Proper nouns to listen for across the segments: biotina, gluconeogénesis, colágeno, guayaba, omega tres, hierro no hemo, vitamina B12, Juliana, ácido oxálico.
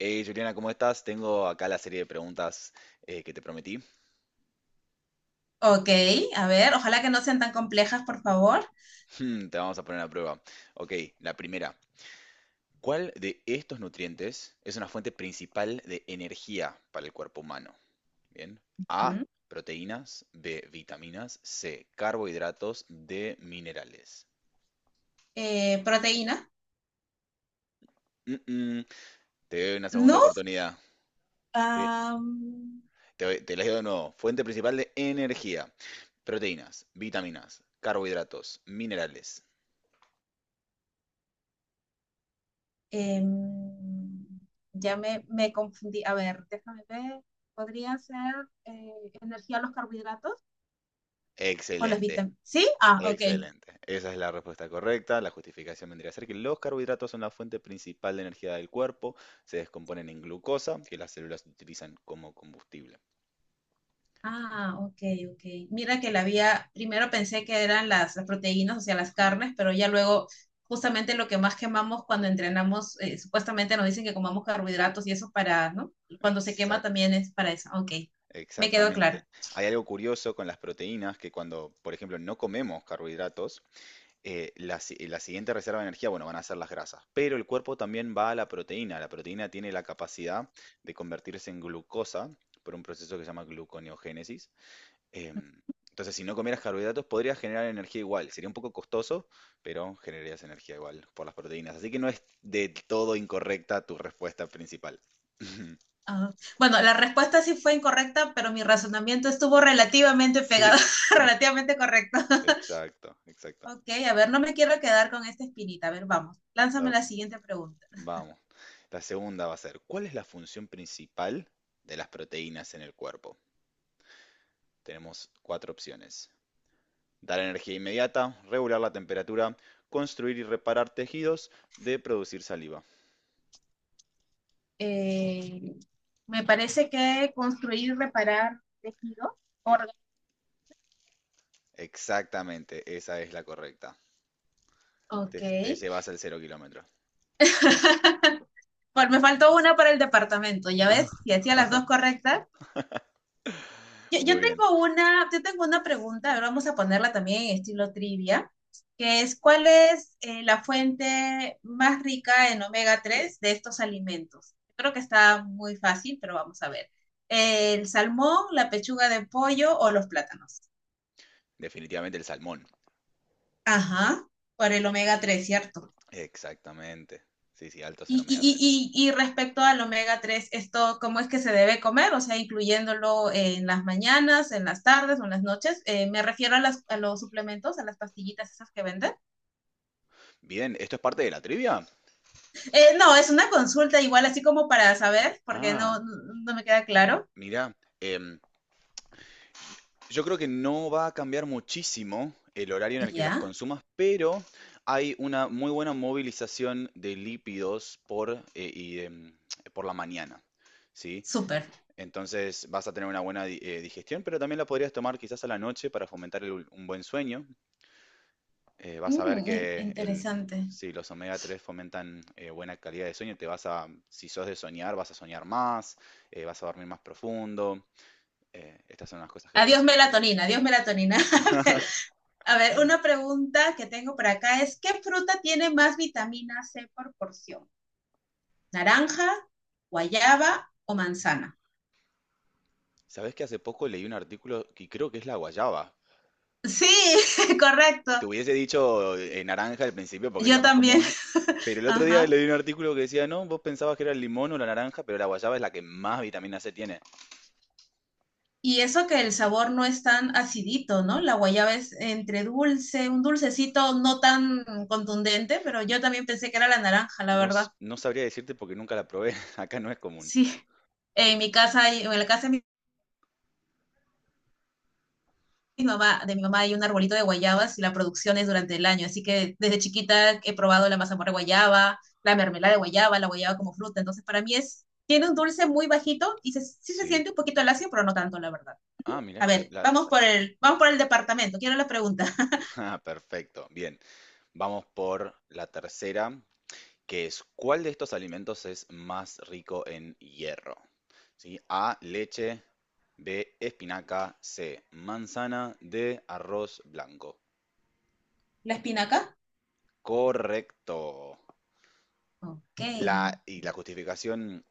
Hey Juliana, ¿cómo estás? Tengo acá la serie de preguntas que te prometí. Ok, a ver, ojalá que no sean tan complejas, por favor. Te vamos a poner a prueba. Ok, la primera. ¿Cuál de estos nutrientes es una fuente principal de energía para el cuerpo humano? Bien. A, ¿Mm? proteínas, B, vitaminas, C, carbohidratos, D, minerales. Proteína. Mm, mm, Te doy una segunda No. oportunidad. Te, am, te las digo de nuevo. Fuente principal de energía. Proteínas, vitaminas, carbohidratos, minerales. em, ya me confundí. A ver, déjame ver. ¿Podría ser eh, energía a los carbohidratos o las Excelente. vitaminas? Sí, ah, ok. Excelente. Esa es la respuesta correcta. La justificación vendría a ser que los carbohidratos son la fuente principal de energía del cuerpo. Se descomponen en glucosa, que las células utilizan como combustible. Ah, ok, ok. Mira que la había, primero pensé que eran las proteínas, o sea, las Ajá, carnes, pero ya luego, justamente lo que más quemamos cuando entrenamos, supuestamente nos dicen que comamos carbohidratos y eso para, ¿no? Cuando se quema exacto, también es para eso. Ok, me quedó exactamente. claro. Hay algo curioso con las proteínas que cuando, por ejemplo, no comemos carbohidratos, la, si- la siguiente reserva de energía, bueno, van a ser las grasas. Pero el cuerpo también va a la proteína. La proteína tiene la capacidad de convertirse en glucosa por un proceso que se llama gluconeogénesis. Em, entonces, si no comieras carbohidratos, podrías generar energía igual. Sería un poco costoso, pero generarías energía igual por las proteínas. Así que no es de todo incorrecta tu respuesta principal. Ah, bueno, la respuesta sí fue incorrecta, pero mi razonamiento estuvo relativamente Sí, pegado, relativamente correcto. exacto, exacto. Ok, a ver, no me quiero quedar con esta espinita. A ver, vamos, lánzame La- la siguiente pregunta. Vamos. La segunda va a ser, ¿cuál es la función principal de las proteínas en el cuerpo? Tenemos cuatro opciones. Dar energía inmediata, regular la temperatura, construir y reparar tejidos, de producir saliva. Eh, me parece que construir, reparar tejido, E- órgano. Exactamente, esa es la correcta. Ok. Te llevas al cero kilómetro. Pues me faltó una para el departamento, ya ves, Ajá. si hacía las dos correctas. Muy bien, Yo tengo una pregunta, ahora vamos a ponerla también en estilo trivia, que es ¿cuál es la fuente más rica en omega 3 de estos alimentos? Creo que está muy fácil, pero vamos a ver. ¿El salmón, la pechuga de pollo o los plátanos? definitivamente el salmón. Ajá, por el omega tres, ¿cierto? Exactamente. Sí, sí, altos en omega tres. Y respecto al omega 3 esto, ¿cómo es que se debe comer? O sea, incluyéndolo en las mañanas, en las tardes o en las noches. Me refiero a, a, los suplementos, a las pastillitas esas que venden. Bien, ¿esto es parte de la trivia? No, es una consulta igual, así como para saber, porque Ah, no, no me queda claro. mira, em, yo creo que no va a cambiar muchísimo el horario Ya, en el que las yeah, consumas, pero hay una muy buena movilización de lípidos por, por la mañana, ¿sí? súper. Entonces vas a tener una buena digestión, pero también la podrías tomar quizás a la noche para fomentar un buen sueño. Vas a ver Mm, que interesante. si los omega tres fomentan buena calidad de sueño, si sos de soñar, vas a soñar más, vas a dormir más profundo. Estas son las cosas que Adiós puedes esperar. melatonina, adiós melatonina. A ver, una pregunta que tengo por acá es, ¿qué fruta tiene más vitamina C por porción? Naranja, guayaba o manzana. ¿Sabés que hace poco leí un artículo que creo que es la guayaba? Sí, correcto. Te hubiese dicho naranja al principio porque es la Yo más también. común, pero el otro día Ajá. leí un artículo que decía, no, vos pensabas que era el limón o la naranja, pero la guayaba es la que más vitamina C tiene. Y eso que el sabor no es tan acidito, ¿no? La guayaba es entre dulce, un dulcecito no tan contundente, pero yo también pensé que era la naranja, la No, verdad. no sabría decirte porque nunca la probé. Acá no es común. Sí. En mi casa, hay- en la casa de mi mi mamá, de mi mamá hay un arbolito de guayabas y la producción es durante el año, así que desde chiquita he probado la mazamorra de guayaba, la mermelada de guayaba, la guayaba como fruta, entonces para mí es, tiene un dulce muy bajito y sí se Sí. siente un poquito lacio, pero no tanto, la verdad. Ah, mirá, A que ver, la, vamos por el departamento, quiero la pregunta. Ah, perfecto. Bien, vamos por la tercera, que es ¿cuál de estos alimentos es más rico en hierro? ¿Sí? A, leche, B, espinaca, C, manzana, D, arroz blanco. ¿La espinaca? Correcto. Ok. Y la justificación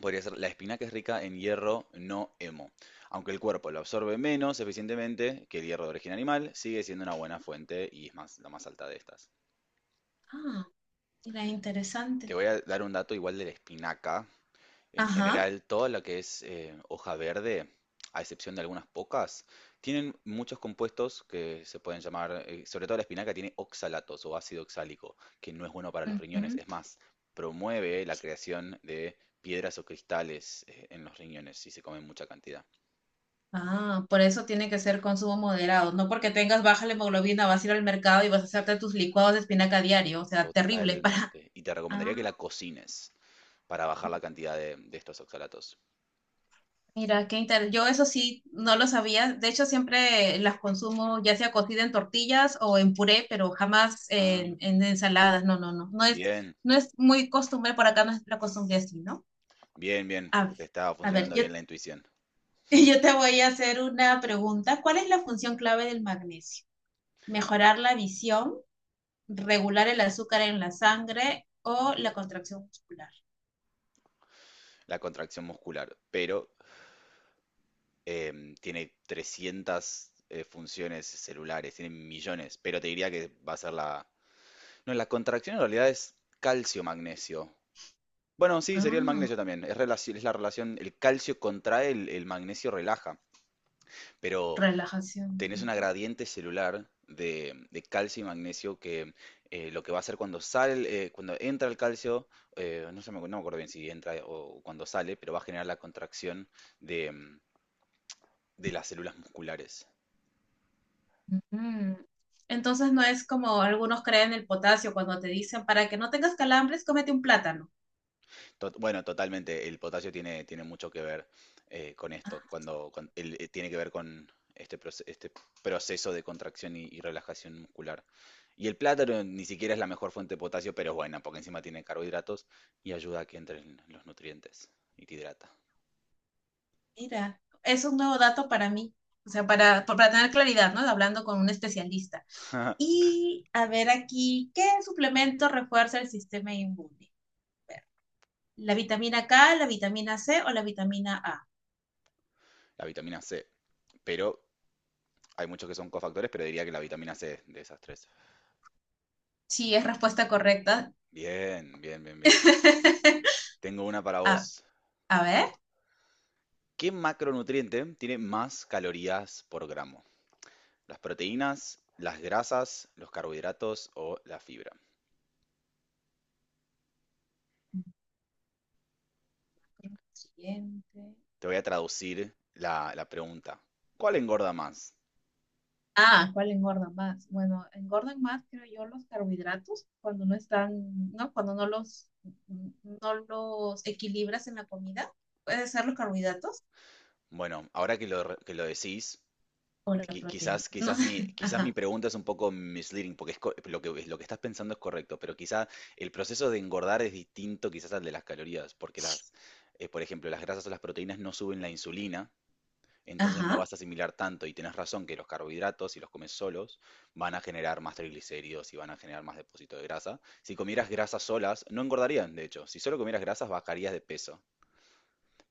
podría ser la espinaca es rica en hierro no hemo. Aunque el cuerpo lo absorbe menos eficientemente que el hierro de origen animal, sigue siendo una buena fuente y es más, la más alta de estas. Ah, mira, Te interesante. voy a dar un dato igual de la espinaca. En Ajá. general, toda la que es hoja verde, a excepción de algunas pocas, tienen muchos compuestos que se pueden llamar, sobre todo la espinaca tiene oxalatos o ácido oxálico, que no es bueno para los riñones. Ujú. Es más, promueve la creación de piedras o cristales en los riñones si se come en mucha cantidad. Ah, por eso tiene que ser consumo moderado. No porque tengas baja la hemoglobina, vas a ir al mercado y vas a hacerte tus licuados de espinaca a diario. O sea, terrible para... Totalmente. Y te recomendaría que Ah, la cocines para bajar la cantidad de, estos oxalatos. mira, qué interesante. Yo eso sí no lo sabía. De hecho, siempre las consumo ya sea cocida en tortillas o en puré, pero jamás Ah, en ensaladas. No, no, no. No es, bien, no es muy costumbre por acá, no es la costumbre así, ¿no? bien, bien. A, Te estaba a ver, funcionando yo, bien la intuición. yo te voy a hacer una pregunta. ¿Cuál es la función clave del magnesio? ¿Mejorar la visión, regular el azúcar en la sangre o la contracción muscular? La contracción muscular. Pero tiene 300 funciones celulares, tiene millones, pero te diría que va a ser la... No, la contracción en realidad es calcio-magnesio. Bueno, sí, sería el Ah, magnesio también. Es la relación, el calcio contrae, el magnesio relaja, pero relajación. tenés una gradiente celular de, calcio y magnesio que lo que va a hacer cuando sale, cuando entra el calcio, no me acuerdo bien si entra o cuando sale, pero va a generar la contracción de, las células musculares. Ujú. Entonces no es como algunos creen el potasio cuando te dicen, para que no tengas calambres, cómete un plátano. Bueno, totalmente. El potasio tiene mucho que ver con esto, Ah, tiene que ver con este proceso de contracción y relajación muscular. Y el plátano ni siquiera es la mejor fuente de potasio, pero es buena, porque encima tiene carbohidratos y ayuda a que entren los nutrientes y te hidrata. mira, es un nuevo dato para mí. O sea, para tener claridad, ¿no? Hablando con un especialista. Y a ver aquí, ¿qué suplemento refuerza el sistema inmune? ¿La vitamina K, la vitamina C o la vitamina A? La vitamina C, pero hay muchos que son cofactores, pero diría que la vitamina C de esas tres. Sí, es respuesta correcta. Bien, bien, bien, bien. Tengo una para A, vos. a ver. ¿Qué macronutriente tiene más calorías por gramo? Las proteínas, las grasas, los carbohidratos o la fibra. Siguiente. Te voy a traducir la pregunta. ¿Cuál engorda más? Ah, ¿cuál engorda más? Bueno, engordan más, creo yo, los carbohidratos cuando no están, ¿no? Cuando no los equilibras en la comida. Puede ser los carbohidratos Bueno, ahora que lo decís, o la qui- proteína. quizás, No quizás, sé. mi, quizás mi Ajá. pregunta es un poco misleading, porque es lo que estás pensando es correcto, pero quizás el proceso de engordar es distinto quizás al de las calorías, porque por ejemplo, las grasas o las proteínas no suben la insulina. Entonces no Ajá. vas a asimilar tanto y tenés razón que los carbohidratos, si los comes solos, van a generar más triglicéridos y van a generar más depósito de grasa. Si comieras grasas solas, no engordarían, de hecho. Si solo comieras grasas, bajarías de peso.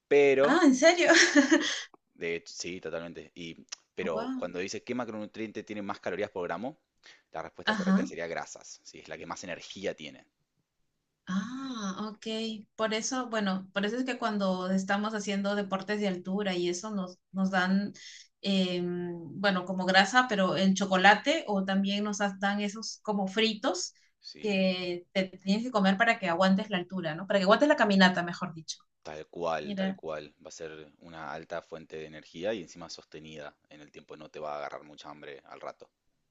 Pero, Ah, ¿en serio? de hecho, sí, totalmente. Pero Wow. cuando dices qué macronutriente tiene más calorías por gramo, la respuesta correcta Ajá. sería grasas, ¿sí? Es la que más energía tiene, Ah, ok. Por eso, bueno, por eso es que cuando estamos haciendo deportes de altura y eso nos dan, bueno, como grasa, pero en chocolate o también dan esos como fritos ¿sí? que te tienes que comer para que aguantes la altura, ¿no? Para que aguantes la caminata, mejor dicho. Tal cual, tal Mira. cual. Va a ser una alta fuente de energía y encima sostenida en el tiempo, no te va a agarrar mucha hambre al rato.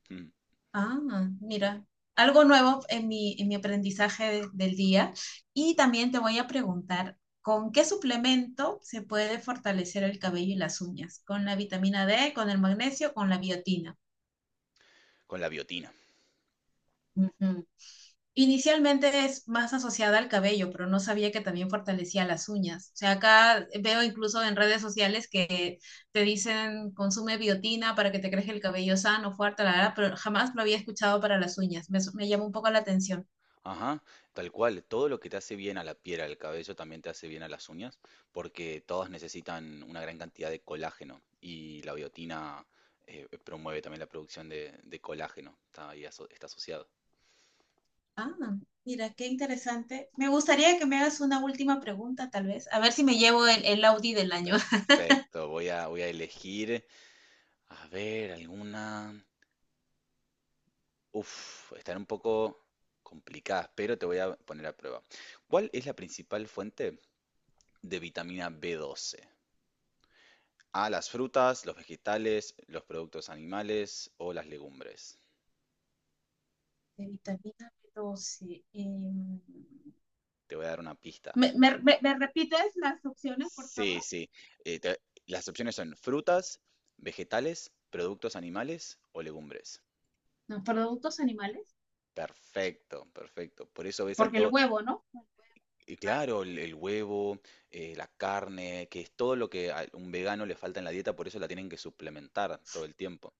Mm. Ah, mira, algo nuevo en en mi aprendizaje del día. Y también te voy a preguntar, ¿con qué suplemento se puede fortalecer el cabello y las uñas? ¿Con la vitamina D, con el magnesio, con la biotina? Con la biotina. Ujú. Inicialmente es más asociada al cabello, pero no sabía que también fortalecía las uñas. O sea, acá veo incluso en redes sociales que te dicen consume biotina para que te crezca el cabello sano, fuerte, la verdad. Pero jamás lo había escuchado para las uñas. Me llama un poco la atención. Ajá, tal cual. Todo lo que te hace bien a la piel, al cabello, también te hace bien a las uñas, porque todas necesitan una gran cantidad de colágeno y la biotina promueve también la producción de, colágeno. Está ahí está asociado. Ah, mira, qué interesante. Me gustaría que me hagas una última pregunta, tal vez. A ver si me llevo el Audi del año. Perfecto. Voy a elegir, a ver, alguna. Uf, están un poco complicadas, pero te voy a poner a prueba. ¿Cuál es la principal fuente de vitamina B12? A, las frutas, los vegetales, los productos animales o las legumbres. De vitamina B12. Te voy a dar una pista. Me repites las opciones, por Sí, favor? sí. Eh, te- las opciones son frutas, vegetales, productos animales o legumbres. No, productos animales. Perfecto, perfecto. Por eso ves a Porque el todo, huevo, ¿no? El huevo, y carne. claro, el huevo, la carne, que es todo lo que a un vegano le falta en la dieta, por eso la tienen que suplementar todo el tiempo.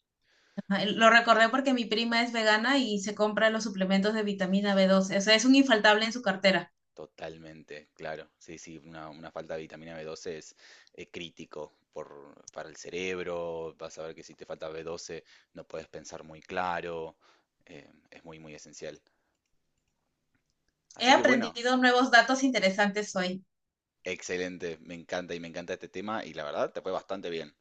Ajá, el- Lo recordé porque mi prima es vegana y se compra los suplementos de vitamina B12. O sea, es un infaltable en su cartera. Totalmente, claro. Sí, sí, una falta de vitamina B12 es crítico para el cerebro. Vas a ver que si te falta B12 no puedes pensar muy claro. Es muy, muy esencial. He Así que bueno, aprendido nuevos datos interesantes hoy. excelente. Me encanta y me encanta este tema y la verdad te fue bastante bien.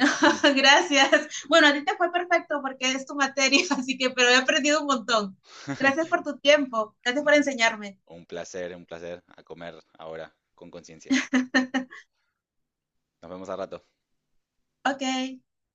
Gracias. Bueno, a ti te fue perfecto porque es tu materia, así que, pero he aprendido un montón. Gracias por tu tiempo. Gracias Un, por enseñarme. un placer, un placer a comer ahora con conciencia. Nos vemos a rato. Ok.